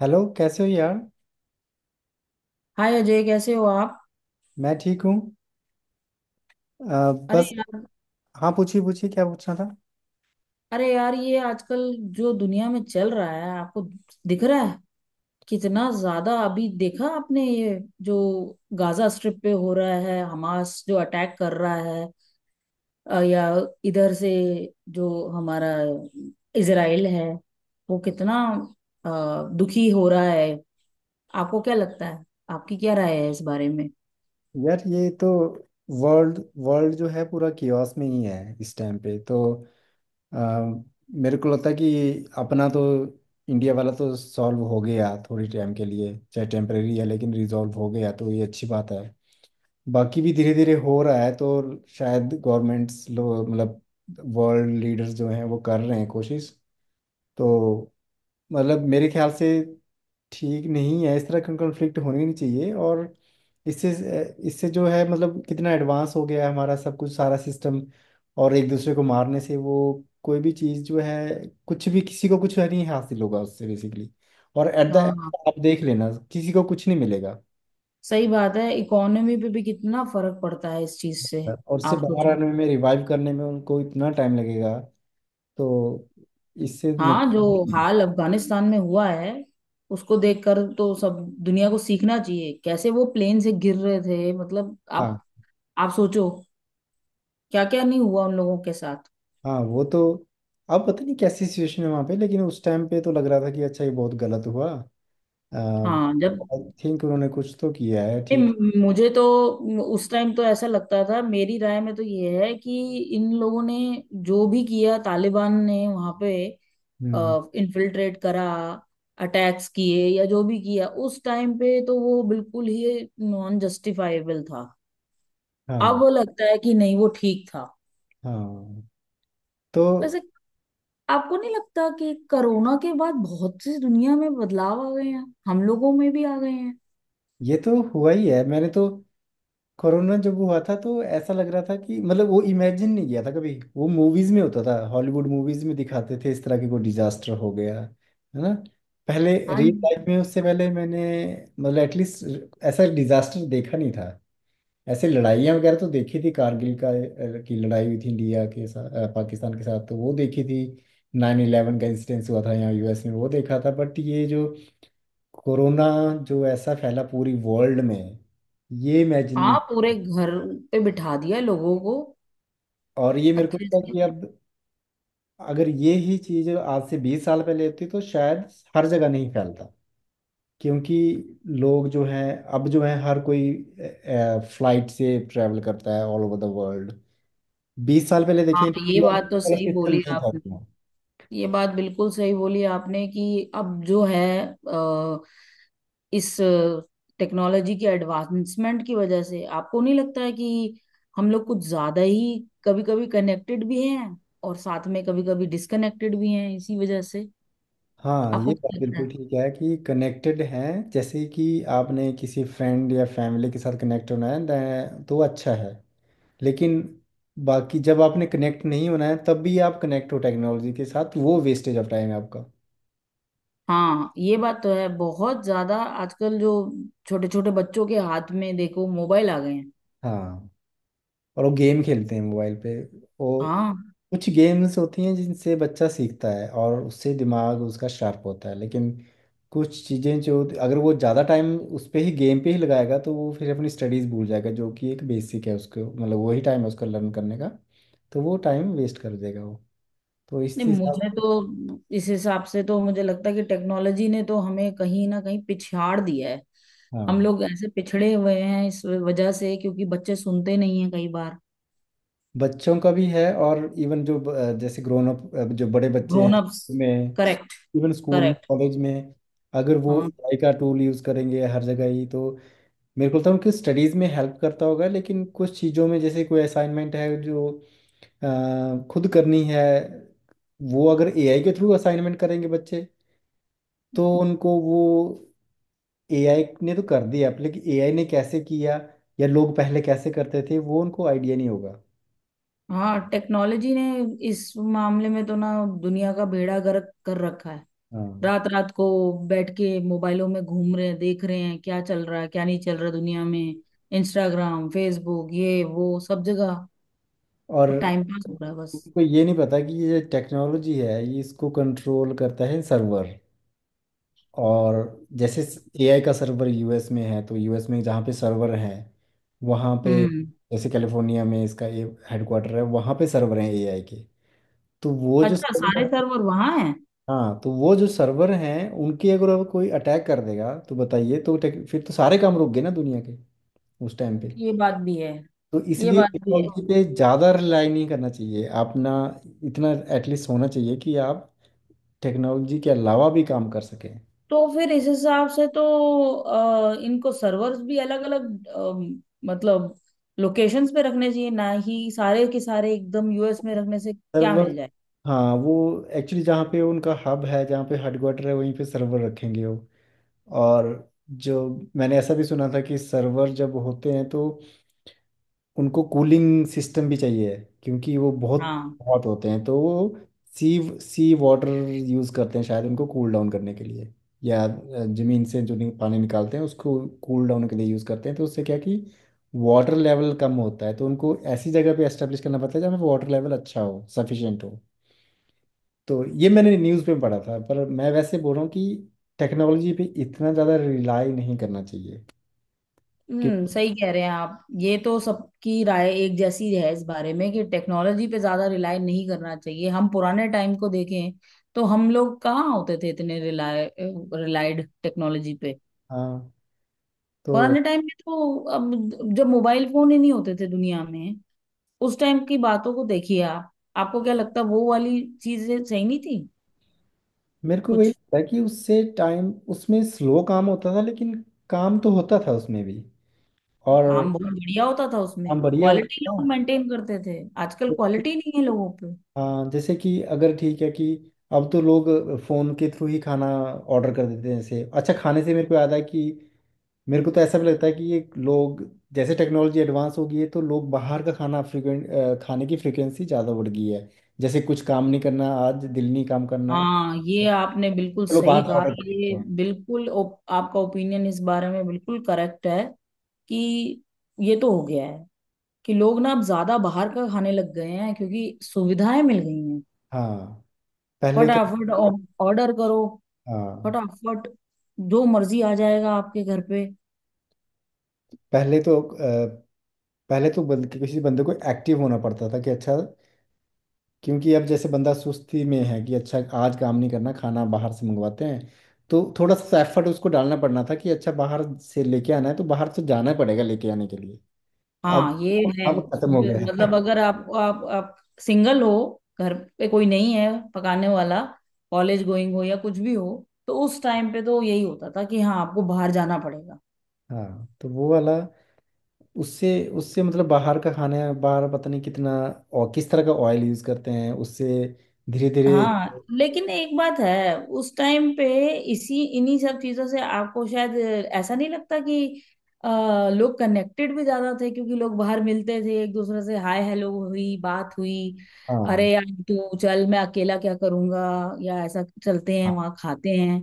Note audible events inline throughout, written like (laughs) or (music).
Hello कैसे हो यार। हाय अजय, कैसे हो आप? मैं ठीक हूँ। अरे बस। यार हाँ पूछिए पूछिए क्या पूछना था। अरे यार, ये आजकल जो दुनिया में चल रहा है, आपको दिख रहा है? कितना ज्यादा अभी देखा आपने, ये जो गाजा स्ट्रिप पे हो रहा है, हमास जो अटैक कर रहा है या इधर से जो हमारा इजराइल है, वो कितना अ, दुखी हो रहा है। आपको क्या लगता है? आपकी क्या राय है इस बारे में? यार ये तो वर्ल्ड वर्ल्ड जो है पूरा कियोस में ही है इस टाइम पे तो अ, मेरे को लगता है कि अपना तो इंडिया वाला तो सॉल्व हो गया थोड़ी टाइम के लिए, चाहे टेम्परेरी है लेकिन रिजॉल्व हो गया, तो ये अच्छी बात है। बाकी भी धीरे धीरे हो रहा है, तो शायद गवर्नमेंट्स लोग मतलब वर्ल्ड लीडर्स जो हैं वो कर रहे हैं कोशिश, तो मतलब मेरे ख्याल से ठीक नहीं है, इस तरह का कॉन्फ्लिक्ट होने नहीं चाहिए। और इससे इससे जो है मतलब कितना एडवांस हो गया है हमारा सब कुछ सारा सिस्टम, और एक दूसरे को मारने से वो कोई भी चीज़ जो है कुछ भी किसी को कुछ नहीं हासिल होगा उससे बेसिकली। और एट द एंड हाँ, आप देख लेना किसी को कुछ नहीं मिलेगा। सही बात है। इकोनॉमी पे भी कितना फर्क पड़ता है इस चीज से। और उससे आप बाहर सोचो। आने में, रिवाइव करने में, उनको इतना टाइम लगेगा, तो इससे हाँ, जो नुकसान। हाल अफगानिस्तान में हुआ है, उसको देखकर तो सब दुनिया को सीखना चाहिए। कैसे वो प्लेन से गिर रहे थे, मतलब हाँ आप सोचो, क्या क्या नहीं हुआ उन लोगों के साथ। हाँ। वो तो अब पता नहीं कैसी सिचुएशन है वहाँ पे, लेकिन उस टाइम पे तो लग रहा था कि अच्छा ये बहुत गलत हुआ। हाँ, जब आई थिंक उन्होंने कुछ तो किया है ए, ठीक। मुझे तो उस टाइम तो ऐसा लगता था, मेरी राय में तो ये है कि इन लोगों ने जो भी किया, तालिबान ने वहां पे हम्म। इन्फिल्ट्रेट करा, अटैक्स किए या जो भी किया उस टाइम पे, तो वो बिल्कुल ही नॉन जस्टिफाइबल था। अब हाँ वो लगता है कि नहीं, वो ठीक था। हाँ। तो वैसे, आपको नहीं लगता कि कोरोना के बाद बहुत सी दुनिया में बदलाव आ गए हैं, हम लोगों में भी आ गए हैं? ये तो हुआ ही है। मैंने तो कोरोना जब हुआ था तो ऐसा लग रहा था कि मतलब वो इमेजिन नहीं किया था। कभी वो मूवीज में होता था, हॉलीवुड मूवीज में दिखाते थे इस तरह के, कोई डिजास्टर हो गया है ना। पहले हाँ रियल जी। लाइफ में उससे पहले मैंने मतलब एटलीस्ट ऐसा डिजास्टर देखा नहीं था। ऐसे लड़ाइयाँ वगैरह तो देखी थी, कारगिल का की लड़ाई हुई थी इंडिया के साथ पाकिस्तान के साथ, तो वो देखी थी। 9/11 का इंसिडेंस हुआ था यहाँ यूएस में, वो देखा था, बट ये जो कोरोना जो ऐसा फैला पूरी वर्ल्ड में ये इमेजिन नहीं हाँ, पूरे किया घर पे बिठा दिया लोगों को था। और ये मेरे को अच्छे लगता है से। कि अब अगर ये ही चीज़ आज से 20 साल पहले होती तो शायद हर जगह नहीं फैलता, क्योंकि लोग जो हैं अब जो हैं हर कोई फ्लाइट से ट्रैवल करता है ऑल ओवर द वर्ल्ड। 20 साल पहले हाँ, देखें ये तो बात तो वाला सही सिस्टम बोली नहीं था आपने। उतना। ये बात बिल्कुल सही बोली आपने कि अब जो है, अ, इस टेक्नोलॉजी के एडवांसमेंट की वजह से आपको नहीं लगता है कि हम लोग कुछ ज्यादा ही कभी कभी कनेक्टेड भी हैं, और साथ में कभी कभी डिसकनेक्टेड भी हैं इसी वजह से? हाँ आपको ये बात क्या लगता बिल्कुल है? ठीक है कि कनेक्टेड हैं। जैसे कि आपने किसी फ्रेंड या फैमिली के साथ कनेक्ट होना है तो अच्छा है, लेकिन बाकी जब आपने कनेक्ट नहीं होना है तब भी आप कनेक्ट हो टेक्नोलॉजी के साथ, वो वेस्टेज ऑफ टाइम है आपका। हाँ, ये बात तो है बहुत ज्यादा। आजकल जो छोटे छोटे बच्चों के हाथ में देखो, मोबाइल आ गए हैं। हाँ। और वो गेम खेलते हैं मोबाइल पे। वो हाँ। कुछ गेम्स होती हैं जिनसे बच्चा सीखता है और उससे दिमाग उसका शार्प होता है, लेकिन कुछ चीज़ें जो, अगर वो ज़्यादा टाइम उस पे ही गेम पे ही लगाएगा तो वो फिर अपनी स्टडीज़ भूल जाएगा, जो कि एक बेसिक है उसको, मतलब वही टाइम है उसको लर्न करने का। तो वो टाइम वेस्ट कर देगा वो। तो इस नहीं, हिसाब मुझे से। तो इस हिसाब से तो मुझे लगता है कि टेक्नोलॉजी ने तो हमें कहीं ना कहीं पिछाड़ दिया है। हम हाँ। लोग ऐसे पिछड़े हुए हैं इस वजह से, क्योंकि बच्चे सुनते नहीं हैं कई बार। बच्चों का भी है और इवन जो जैसे ग्रोन अप जो बड़े बच्चे हैं ग्रोन अप्स। में। करेक्ट। इवन स्कूल में, करेक्ट। कॉलेज में अगर वो हाँ। एआई का टूल यूज़ करेंगे हर जगह ही, तो मेरे को तो उनकी स्टडीज़ में हेल्प करता होगा, लेकिन कुछ चीज़ों में जैसे कोई असाइनमेंट है जो खुद करनी है, वो अगर एआई के थ्रू असाइनमेंट करेंगे बच्चे, तो उनको वो एआई ने तो कर दिया अब, लेकिन एआई ने कैसे किया या लोग पहले कैसे करते थे वो उनको आइडिया नहीं होगा। हाँ, टेक्नोलॉजी ने इस मामले में तो ना दुनिया का बेड़ा गर्क कर रखा है। हाँ। रात रात को बैठ के मोबाइलों में घूम रहे हैं, देख रहे हैं क्या चल रहा है, क्या नहीं चल रहा दुनिया में। इंस्टाग्राम, फेसबुक, ये वो सब जगह और टाइम पास हो रहा है बस। उनको ये नहीं पता कि ये टेक्नोलॉजी है, ये इसको कंट्रोल करता है सर्वर। और जैसे एआई का सर्वर यूएस में है, तो यूएस में जहाँ पे सर्वर है वहाँ पे, हम्म। जैसे कैलिफोर्निया में इसका हेडक्वार्टर है, वहाँ पे सर्वर हैं एआई के। तो वो जो अच्छा, सर्वर, सारे सर्वर वहां हैं? हाँ, तो वो जो सर्वर हैं उनकी अगर अब कोई अटैक कर देगा तो बताइए, तो फिर तो सारे काम रुक गए ना दुनिया के, उस टाइम पे। ये बात भी है। तो ये इसलिए बात भी है। टेक्नोलॉजी पे ज़्यादा रिलाई नहीं करना चाहिए आप ना। इतना एटलीस्ट होना चाहिए कि आप टेक्नोलॉजी के अलावा भी काम कर सकें। तो फिर इस हिसाब से तो इनको सर्वर्स भी अलग अलग, मतलब लोकेशंस पे रखने चाहिए ना, ही सारे के सारे एकदम यूएस में रखने से क्या मिल जाए। हाँ। वो एक्चुअली जहाँ पे उनका हब है, जहाँ पे हेडक्वार्टर है वहीं पे सर्वर रखेंगे वो। और जो, मैंने ऐसा भी सुना था कि सर्वर जब होते हैं तो उनको कूलिंग सिस्टम भी चाहिए, क्योंकि वो बहुत हाँ। बहुत होते हैं, तो वो सी सी वाटर यूज़ करते हैं शायद उनको कूल डाउन करने के लिए, या ज़मीन से जो पानी निकालते हैं उसको कूल डाउन के लिए यूज़ करते हैं। तो उससे क्या कि वाटर लेवल कम होता है, तो उनको ऐसी जगह पे एस्टेब्लिश करना पड़ता है जहाँ पे वाटर लेवल अच्छा हो, सफिशिएंट हो। तो ये मैंने न्यूज़ में पढ़ा था, पर मैं वैसे बोल रहा हूँ कि टेक्नोलॉजी पे इतना ज़्यादा रिलाई नहीं करना चाहिए, हम्म, क्योंकि। सही कह रहे हैं आप। ये तो सबकी राय एक जैसी है इस बारे में कि टेक्नोलॉजी पे ज्यादा रिलाय नहीं करना चाहिए। हम पुराने टाइम को देखें तो हम लोग कहाँ होते थे इतने रिलाय, रिलायड टेक्नोलॉजी पे। हाँ तो पुराने टाइम में, तो अब जब मोबाइल फोन ही नहीं होते थे दुनिया में, उस टाइम की बातों को देखिए आप। आपको क्या लगता है, वो वाली चीजें सही नहीं थी? मेरे को वही कुछ लगता है कि उससे टाइम उसमें स्लो काम होता था, लेकिन काम तो होता था उसमें भी। और काम बहुत बढ़िया होता था उसमें, काम बढ़िया क्वालिटी लोग होता मेंटेन करते थे। आजकल था। क्वालिटी नहीं है लोगों पे। हाँ जैसे कि अगर ठीक है कि अब तो लोग फ़ोन के थ्रू ही खाना ऑर्डर कर देते हैं। जैसे अच्छा खाने से मेरे को याद है कि मेरे को तो ऐसा भी लगता है कि ये लोग जैसे टेक्नोलॉजी एडवांस हो गई है, तो लोग बाहर का खाना फ्रिक्वेंट, खाने की फ्रिक्वेंसी ज़्यादा बढ़ गई है। जैसे कुछ काम नहीं करना आज, दिल नहीं काम करना है, हाँ, ये आपने बिल्कुल चलो सही बाहर से कहा। ऑर्डर कर लेते ये हैं। बिल्कुल आपका ओपिनियन इस बारे में बिल्कुल करेक्ट है कि ये तो हो गया है कि लोग ना अब ज्यादा बाहर का खाने लग गए हैं, क्योंकि सुविधाएं मिल गई हैं। हाँ पहले क्या। फटाफट ऑर्डर करो, हाँ फटाफट जो मर्जी आ जाएगा आपके घर पे। पहले तो पहले तो किसी बंदे को एक्टिव होना पड़ता था कि अच्छा, क्योंकि अब जैसे बंदा सुस्ती में है कि अच्छा आज काम नहीं करना, खाना बाहर से मंगवाते हैं। तो थोड़ा सा एफर्ट उसको डालना पड़ना था कि अच्छा बाहर से लेके आना है तो बाहर से जाना पड़ेगा लेके आने के लिए। अब हाँ, ये वो है। काम खत्म हो सुबह, गया है मतलब अगर (laughs) आप सिंगल हो, घर पे कोई नहीं है पकाने वाला, कॉलेज गोइंग हो या कुछ भी हो, तो उस टाइम पे तो यही होता था कि हाँ, आपको बाहर जाना पड़ेगा। हाँ तो वो वाला उससे उससे मतलब बाहर का खाना है, बाहर पता नहीं कितना और किस तरह का ऑयल यूज करते हैं उससे धीरे धीरे। हाँ, लेकिन एक बात है उस टाइम पे, इसी इन्हीं सब चीजों से आपको शायद ऐसा नहीं लगता कि लोग कनेक्टेड भी ज्यादा थे, क्योंकि लोग बाहर मिलते थे एक दूसरे से, हाय हेलो हुई, बात हुई। हाँ अरे यार, तू चल, मैं अकेला क्या करूंगा, या ऐसा चलते हैं, हाँ। वहां खाते हैं।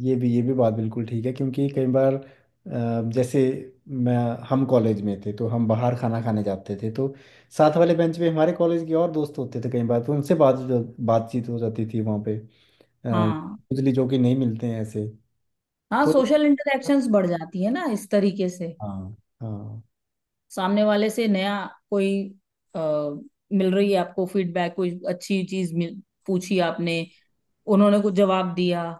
ये भी बात बिल्कुल ठीक है, क्योंकि कई बार जैसे मैं हम कॉलेज में थे तो हम बाहर खाना खाने जाते थे, तो साथ वाले बेंच पे हमारे कॉलेज के और दोस्त होते थे कई बार, तो उनसे बात बातचीत हो जाती थी वहाँ पे। अ, हाँ। उजली जो कि नहीं मिलते हैं ऐसे। हाँ, तो सोशल इंटरेक्शंस बढ़ जाती है ना इस तरीके से। हाँ। हाँ। सामने वाले से नया कोई, आ, मिल रही है आपको फीडबैक, कोई अच्छी चीज मिल, पूछी आपने, उन्होंने कुछ जवाब दिया,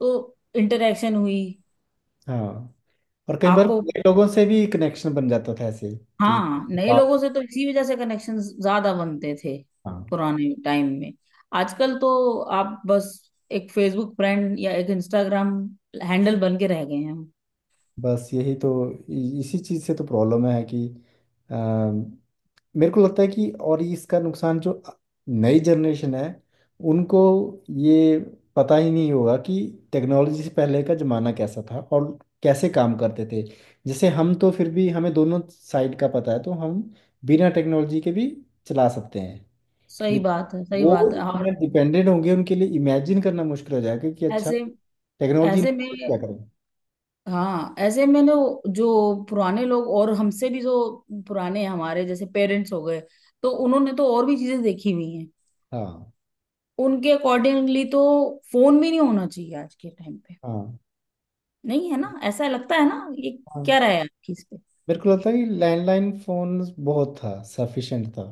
तो इंटरेक्शन हुई। हाँ। और कई बार आपको, नए लोगों से भी कनेक्शन बन जाता था ऐसे। कि हाँ, नए बात- लोगों से तो इसी वजह से कनेक्शन ज्यादा बनते थे हाँ। पुराने टाइम में। आजकल तो आप बस एक फेसबुक फ्रेंड या एक इंस्टाग्राम हैंडल बन के रह गए हैं हम। बस यही तो इसी चीज़ से तो प्रॉब्लम है कि अ, मेरे को लगता है कि, और इसका नुकसान जो नई जनरेशन है उनको ये पता ही नहीं होगा कि टेक्नोलॉजी से पहले का ज़माना कैसा था और कैसे काम करते थे। जैसे हम तो फिर भी हमें दोनों साइड का पता है, तो हम बिना टेक्नोलॉजी के भी चला सकते हैं। सही बात है, सही वो बात है। और इतने डिपेंडेंट होंगे, उनके लिए इमेजिन करना मुश्किल हो जाएगा कि अच्छा ऐसे टेक्नोलॉजी ऐसे में, तो क्या करें। हाँ, ऐसे में ना, जो पुराने लोग, और हमसे भी जो पुराने, हमारे जैसे पेरेंट्स हो गए, तो उन्होंने तो और भी चीजें देखी हुई। हाँ। उनके अकॉर्डिंगली तो फोन भी नहीं होना चाहिए आज के टाइम पे। हाँ। नहीं है ना, ऐसा लगता है ना ये? क्या हाँ रहा है आपकी इस पे? मेरे को लगता है कि लैंडलाइन फोन बहुत था, सफिशिएंट था।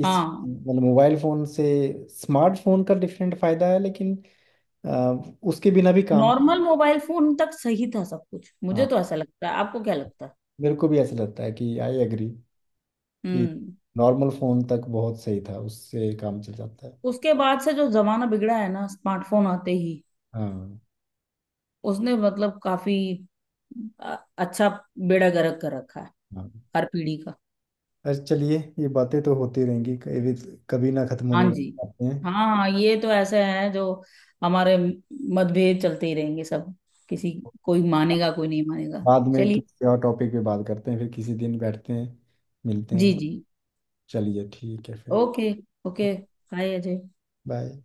इस हाँ, मतलब मोबाइल फोन से स्मार्टफोन का डिफरेंट फायदा है, लेकिन आ, उसके बिना भी काम। नॉर्मल मोबाइल फोन तक सही था सब कुछ, मुझे हाँ तो ऐसा लगता है। आपको क्या लगता है? मेरे को भी ऐसा लगता है कि आई एग्री कि हम्म। नॉर्मल फोन तक बहुत सही था, उससे काम चल जाता है। उसके बाद से जो जमाना बिगड़ा है ना, स्मार्टफोन आते ही, हाँ। उसने मतलब काफी अ, अच्छा बेड़ा गर्क कर रखा है हाँ। हर पीढ़ी का। अच्छा चलिए ये बातें तो होती रहेंगी, कभी कभी ना खत्म होने हाँ वाली जी। बातें हैं। हाँ हाँ, ये तो ऐसे है जो हमारे मतभेद चलते ही रहेंगे। सब, किसी कोई मानेगा, कोई नहीं मानेगा। बाद में चलिए। किसी और टॉपिक पे बात करते हैं, फिर किसी दिन बैठते हैं मिलते जी हैं। जी। चलिए ठीक है फिर। Okay. Okay. Hi Ajay. Bye.